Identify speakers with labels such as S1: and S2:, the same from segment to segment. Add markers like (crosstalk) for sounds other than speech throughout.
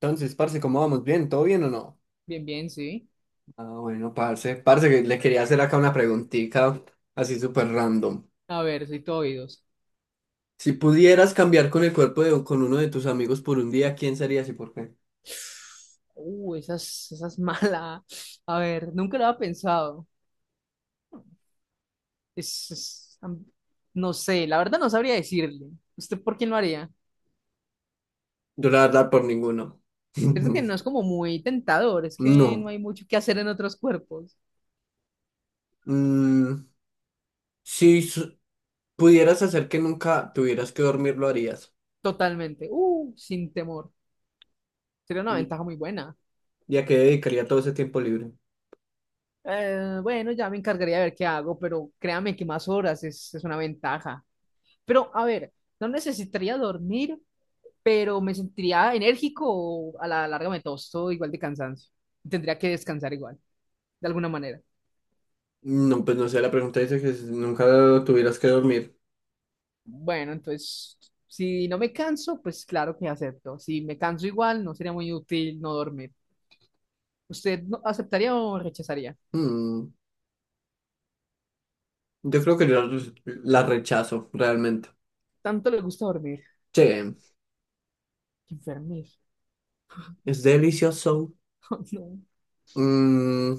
S1: Entonces, parce, ¿cómo vamos? ¿Bien? ¿Todo bien o no?
S2: Bien, bien, sí.
S1: Ah, bueno, parce. Parce, que le quería hacer acá una preguntita así súper random.
S2: A ver, soy todo oídos.
S1: Si pudieras cambiar con el cuerpo de con uno de tus amigos por un día, ¿quién serías y por qué?
S2: Esa es (laughs) mala. A ver, nunca lo había pensado. Es, es- am- no sé, la verdad no sabría decirle. ¿Usted por quién lo haría?
S1: Yo la verdad por ninguno.
S2: Creo que no es
S1: (laughs)
S2: como muy tentador, es que no
S1: No.
S2: hay mucho que hacer en otros cuerpos.
S1: Mm, si su- Pudieras hacer que nunca tuvieras que dormir, ¿lo harías?
S2: Totalmente. Sin temor. Sería una
S1: ¿Y
S2: ventaja muy buena.
S1: y a qué dedicaría todo ese tiempo libre?
S2: Bueno, ya me encargaría de ver qué hago, pero créame que más horas es una ventaja. Pero, a ver, no necesitaría dormir pero me sentiría enérgico o a la larga me tosto igual de cansancio. Tendría que descansar igual, de alguna manera.
S1: No, pues no sé, la pregunta dice que si nunca tuvieras que dormir.
S2: Bueno, entonces, si no me canso, pues claro que acepto. Si me canso igual, no sería muy útil no dormir. ¿Usted aceptaría o rechazaría?
S1: Mm, yo creo que yo la rechazo realmente.
S2: Tanto le gusta dormir.
S1: Sí,
S2: Qué enfermez.
S1: es delicioso.
S2: (laughs) No.
S1: Mm,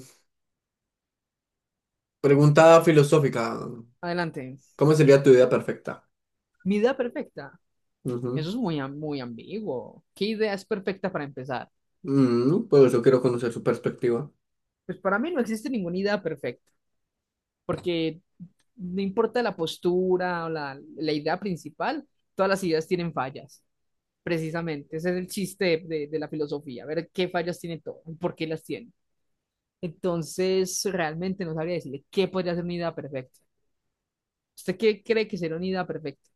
S1: Pregunta filosófica.
S2: Adelante.
S1: ¿Cómo sería tu vida perfecta?
S2: Mi idea perfecta. Eso
S1: Ujú.
S2: es muy ambiguo. ¿Qué idea es perfecta para empezar?
S1: Pues yo quiero conocer su perspectiva.
S2: Pues para mí no existe ninguna idea perfecta, porque no importa la postura o la idea principal, todas las ideas tienen fallas, precisamente. Ese es el chiste de la filosofía, ver qué fallas tiene todo y por qué las tiene. Entonces, realmente no sabría decirle qué podría ser una idea perfecta. ¿Usted qué cree que sería una idea perfecta?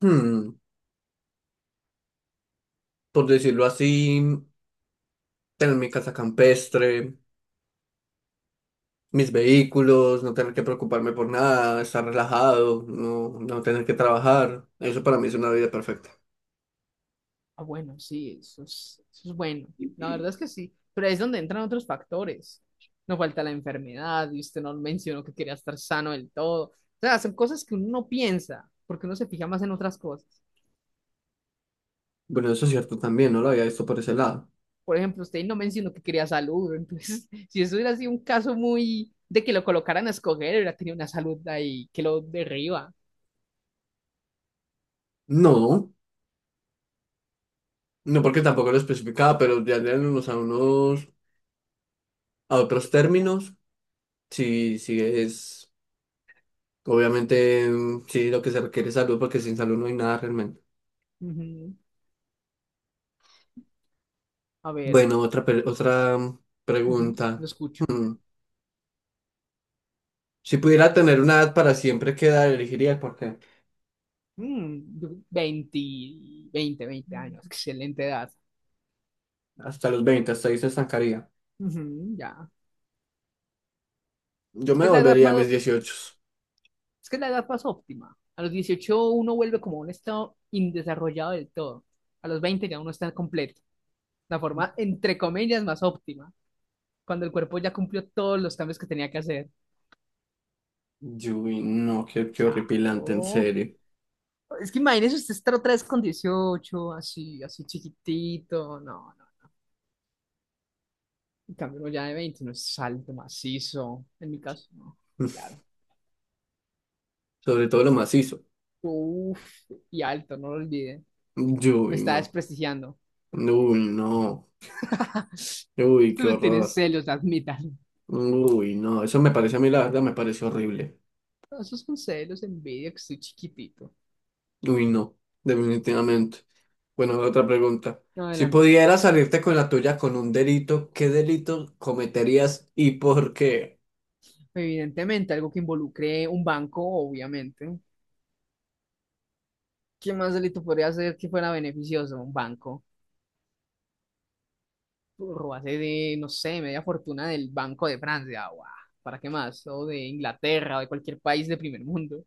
S1: Hmm, por decirlo así, tener mi casa campestre, mis vehículos, no tener que preocuparme por nada, estar relajado, no, no tener que trabajar. Eso para mí es una vida perfecta.
S2: Ah, bueno, sí, eso es bueno. La verdad es que sí, pero ahí es donde entran otros factores. No falta la enfermedad, y usted no mencionó que quería estar sano del todo. O sea, son cosas que uno no piensa, porque uno se fija más en otras cosas.
S1: Bueno, eso es cierto también, no lo había visto por ese lado.
S2: Por ejemplo, usted no mencionó que quería salud, entonces, (laughs) si eso hubiera sido un caso muy de que lo colocaran a escoger, hubiera tenido una salud ahí que lo derriba.
S1: No, no porque tampoco lo especificaba, pero ya en unos a unos a otros términos. Sí, sí, es obviamente, sí, lo que se requiere es salud, porque sin salud no hay nada realmente.
S2: Ujú. A ver,
S1: Bueno, otra
S2: ujú, lo
S1: pregunta.
S2: escucho.
S1: Mm, Si pudiera tener una edad para siempre, ¿qué edad elegiría? Porque
S2: Mm, yo- veinte 20, 20 años, excelente edad.
S1: hasta los 20 hasta ahí se estancaría.
S2: Ujú, ya.
S1: Yo
S2: Es que
S1: me
S2: es la edad
S1: volvería a
S2: más,
S1: mis 18.
S2: es que es la edad más óptima. A los 18 uno vuelve como un estado indesarrollado del todo. A los 20 ya uno está completo. La forma, entre comillas, más óptima, cuando el cuerpo ya cumplió todos los cambios que tenía que hacer.
S1: Yui, no, qué horripilante, en
S2: Claro.
S1: serio.
S2: Es que imagínese usted estar otra vez con 18 así, así chiquitito. No, no. En cambio, uno ya de 20 no es alto, macizo. En mi caso, no.
S1: (laughs)
S2: Claro.
S1: Sobre todo lo macizo.
S2: Uf, y alto, no lo olvide. Me
S1: Uy,
S2: está
S1: no.
S2: desprestigiando.
S1: Uy, no.
S2: (laughs)
S1: Uy, qué
S2: Ustedes tienen
S1: horror.
S2: celos, admitan.
S1: Uy, no. Eso me parece a mí, la verdad, me parece horrible.
S2: No, esos son celos, envidia, que estoy chiquitito.
S1: Uy, no, definitivamente. Bueno, otra pregunta. Si
S2: Adelante.
S1: pudieras salirte con la tuya con un delito, ¿qué delito cometerías y por qué?
S2: Evidentemente, algo que involucre un banco, obviamente. ¿Qué más delito podría hacer que fuera beneficioso? Un banco. Robase de, no sé, media fortuna del Banco de Francia. Guau, ¿para qué más? O de Inglaterra o de cualquier país de primer mundo.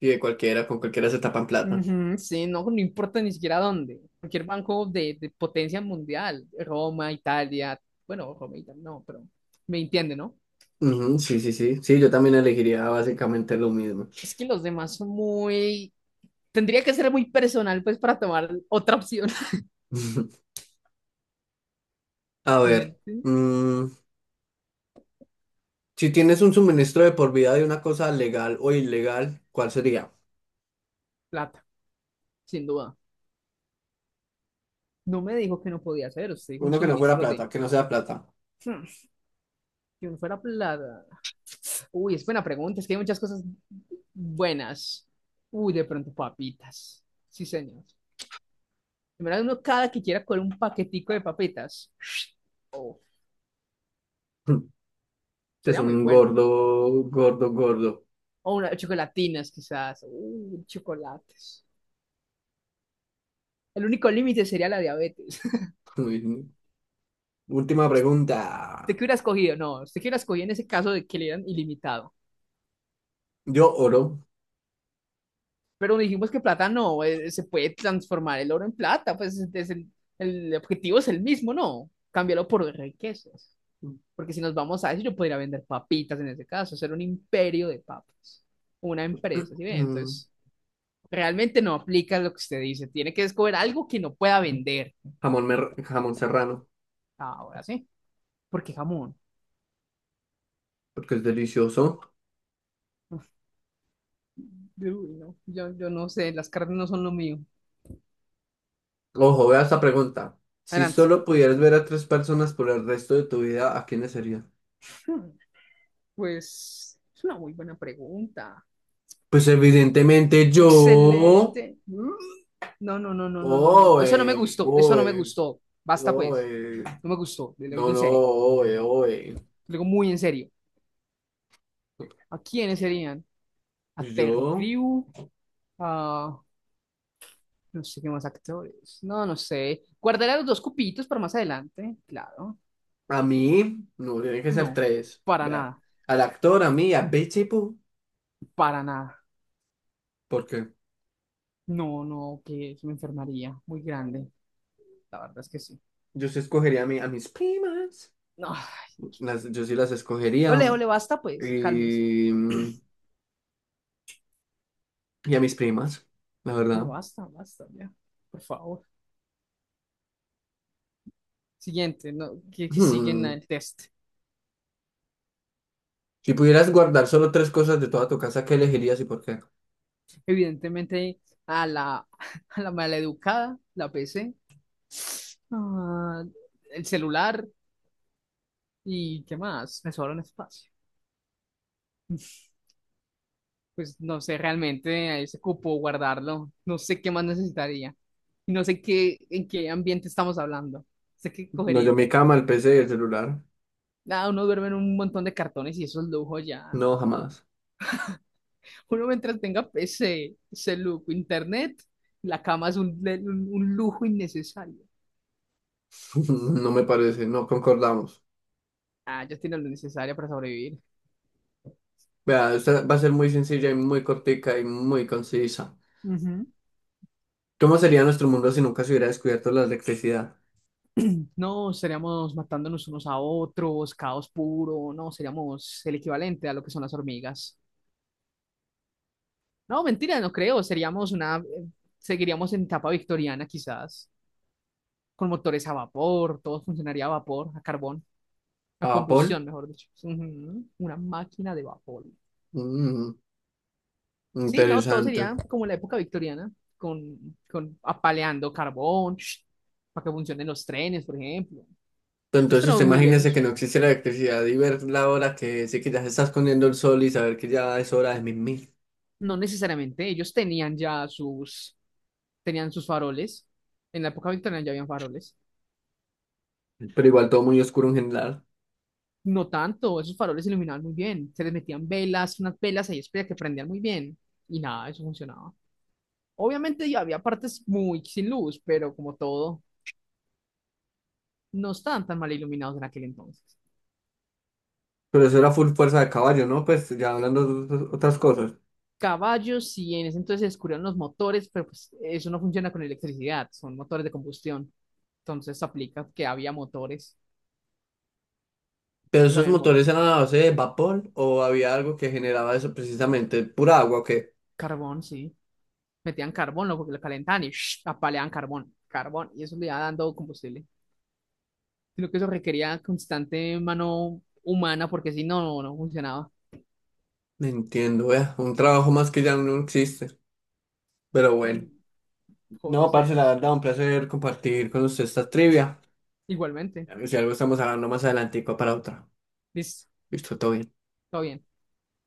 S1: Y de cualquiera, con cualquiera se tapan plata.
S2: Ujú, sí, no, no importa ni siquiera dónde. Cualquier banco de potencia mundial. Roma, Italia. Bueno, Roma, Italia, no, pero me entiende, ¿no?
S1: Ujú, sí, sí, sí. Sí, yo también elegiría básicamente lo mismo.
S2: Es que los demás son muy... Tendría que ser muy personal, pues, para tomar otra opción. (laughs)
S1: (laughs) A ver,
S2: Siguiente.
S1: mm, si tienes un suministro de por vida de una cosa legal o ilegal, ¿cuál sería?
S2: Plata, sin duda. No me dijo que no podía hacer. Usted dijo un
S1: Uno que no fuera
S2: suministro de...
S1: plata, que no sea plata.
S2: Hmm, Si uno fuera plata. Uy, es buena pregunta, es que hay muchas cosas buenas. Uy, de pronto papitas. Sí, señor. Primero uno cada que quiera con un paquetico de papitas.
S1: (laughs) Este es
S2: Sería muy
S1: un
S2: bueno.
S1: gordo, gordo, gordo.
S2: O una chocolatinas, quizás. Uy, chocolates. El único límite sería la diabetes.
S1: Uy, última
S2: (laughs) ¿Usted
S1: pregunta.
S2: qué hubiera escogido? No, usted qué hubiera escogido en ese caso de que le dieran ilimitado.
S1: Yo oro.
S2: Pero dijimos que plata no, se puede transformar el oro en plata, pues es el objetivo es el mismo, ¿no? Cámbialo por riquezas. Porque si nos vamos a eso, yo podría vender papitas en ese caso, hacer un imperio de papas, una empresa,
S1: (clears throat)
S2: ¿sí ve?
S1: Mm,
S2: Entonces, realmente no aplica lo que usted dice, tiene que descubrir algo que no pueda vender.
S1: Jamón serrano,
S2: Ahora sí, porque jamón.
S1: porque es delicioso.
S2: Uy, no, yo no sé, las carnes no son lo mío.
S1: Ojo, vea esta pregunta. Si
S2: Adelante. (laughs)
S1: solo pudieras ver a tres personas por el resto de tu vida, ¿a quiénes serían?
S2: Hmm, Pues es una muy buena pregunta.
S1: Pues evidentemente yo.
S2: Excelente. Mm. No, no, no, no, no, no, no, no.
S1: Oe,
S2: Eso no me gustó, eso no
S1: oe,
S2: me gustó. Basta
S1: oe.
S2: pues, no me gustó, le lo digo
S1: No,
S2: en
S1: no,
S2: serio,
S1: oe, oe.
S2: le digo muy en serio. ¿A quiénes serían? A
S1: Pues
S2: Terry
S1: yo,
S2: Crew, a no sé qué más actores. No, no sé. Guardaré a los dos cupitos para más adelante, claro.
S1: a mí, no, tiene que ser
S2: No,
S1: tres.
S2: para
S1: Vea,
S2: nada,
S1: al actor, a mí, a Betty Boo,
S2: para nada.
S1: porque
S2: No, no, que me enfermaría muy grande. La verdad es que sí.
S1: yo sí escogería a mí, a mis primas.
S2: No, ay, Dios mío.
S1: Las, yo sí las escogería.
S2: Ole, ole, basta pues, cálmese.
S1: Y a mis primas, la verdad.
S2: No,
S1: (laughs)
S2: basta, basta, ya. Por favor. Siguiente, no, que siguen
S1: Hmm,
S2: el test.
S1: Si pudieras guardar solo tres cosas de toda tu casa, ¿qué elegirías y por qué?
S2: Evidentemente, a la, (laughs) a la maleducada, la PC, ah, el celular. ¿Y qué más? Me sobra un espacio. (laughs) Pues no sé realmente a ese cupo guardarlo. No sé qué más necesitaría. Y no sé qué, en qué ambiente estamos hablando. Sé qué
S1: No, yo
S2: cogería.
S1: mi cama, el PC y el celular.
S2: Nada, uno duerme en un montón de cartones y eso es lujo ya.
S1: No, jamás.
S2: Uno mientras tenga ese lujo, internet, la cama es un lujo innecesario.
S1: (laughs) No me parece, no concordamos.
S2: Ah, ya tiene lo necesario para sobrevivir.
S1: Vea, esta va a ser muy sencilla y muy cortica y muy concisa.
S2: Ujú.
S1: ¿Cómo sería nuestro mundo si nunca se hubiera descubierto la electricidad?
S2: (clears throat) No, seríamos matándonos unos a otros, caos puro, no, seríamos el equivalente a lo que son las hormigas. No, mentira, no creo. Seríamos seguiríamos en etapa victoriana quizás, con motores a vapor, todo funcionaría a vapor, a carbón, a
S1: ¿A Paul?
S2: combustión, mejor dicho. Ujú, una máquina de vapor.
S1: Mm,
S2: Sí, no, todo
S1: Interesante.
S2: sería como la época victoriana, con apaleando carbón, sh, para que funcionen los trenes, por ejemplo. No
S1: Entonces usted
S2: tenemos muy
S1: imagínese que
S2: lejos.
S1: no existe la electricidad y ver la hora que sí, que ya se está escondiendo el sol y saber que ya es hora de mil.
S2: No necesariamente, ellos tenían sus faroles. En la época victoriana ya habían faroles.
S1: Pero igual todo muy oscuro en general.
S2: No tanto, esos faroles se iluminaban muy bien. Se les metían velas, unas velas ahí espera que prendían muy bien. Y nada, eso funcionaba. Obviamente ya había partes muy sin luz, pero como todo, no estaban tan mal iluminados en aquel entonces.
S1: Pero eso era full fuerza de caballo, ¿no? Pues ya hablando de otras cosas.
S2: Caballos, sí, en ese entonces se descubrieron los motores, pero pues eso no funciona con electricidad, son motores de combustión. Entonces aplica que había motores.
S1: ¿Pero
S2: Entonces
S1: esos
S2: habían
S1: motores eran a base de vapor o había algo que generaba eso precisamente? ¿Pura agua o qué?
S2: carbón, sí. Metían carbón, ¿no? Porque lo calentaban y (sniffs) ¡sh! Apaleaban carbón, carbón, y eso le iba dando combustible, sino que eso requería constante mano humana porque si no, no, no funcionaba.
S1: No entiendo, vea. Un trabajo más que ya no existe. Pero bueno.
S2: Pobres
S1: No, parce, la
S2: seres.
S1: verdad, un placer compartir con usted esta trivia.
S2: Igualmente.
S1: Si algo estamos hablando más adelantico para otra.
S2: Listo,
S1: Listo, todo bien.
S2: todo bien.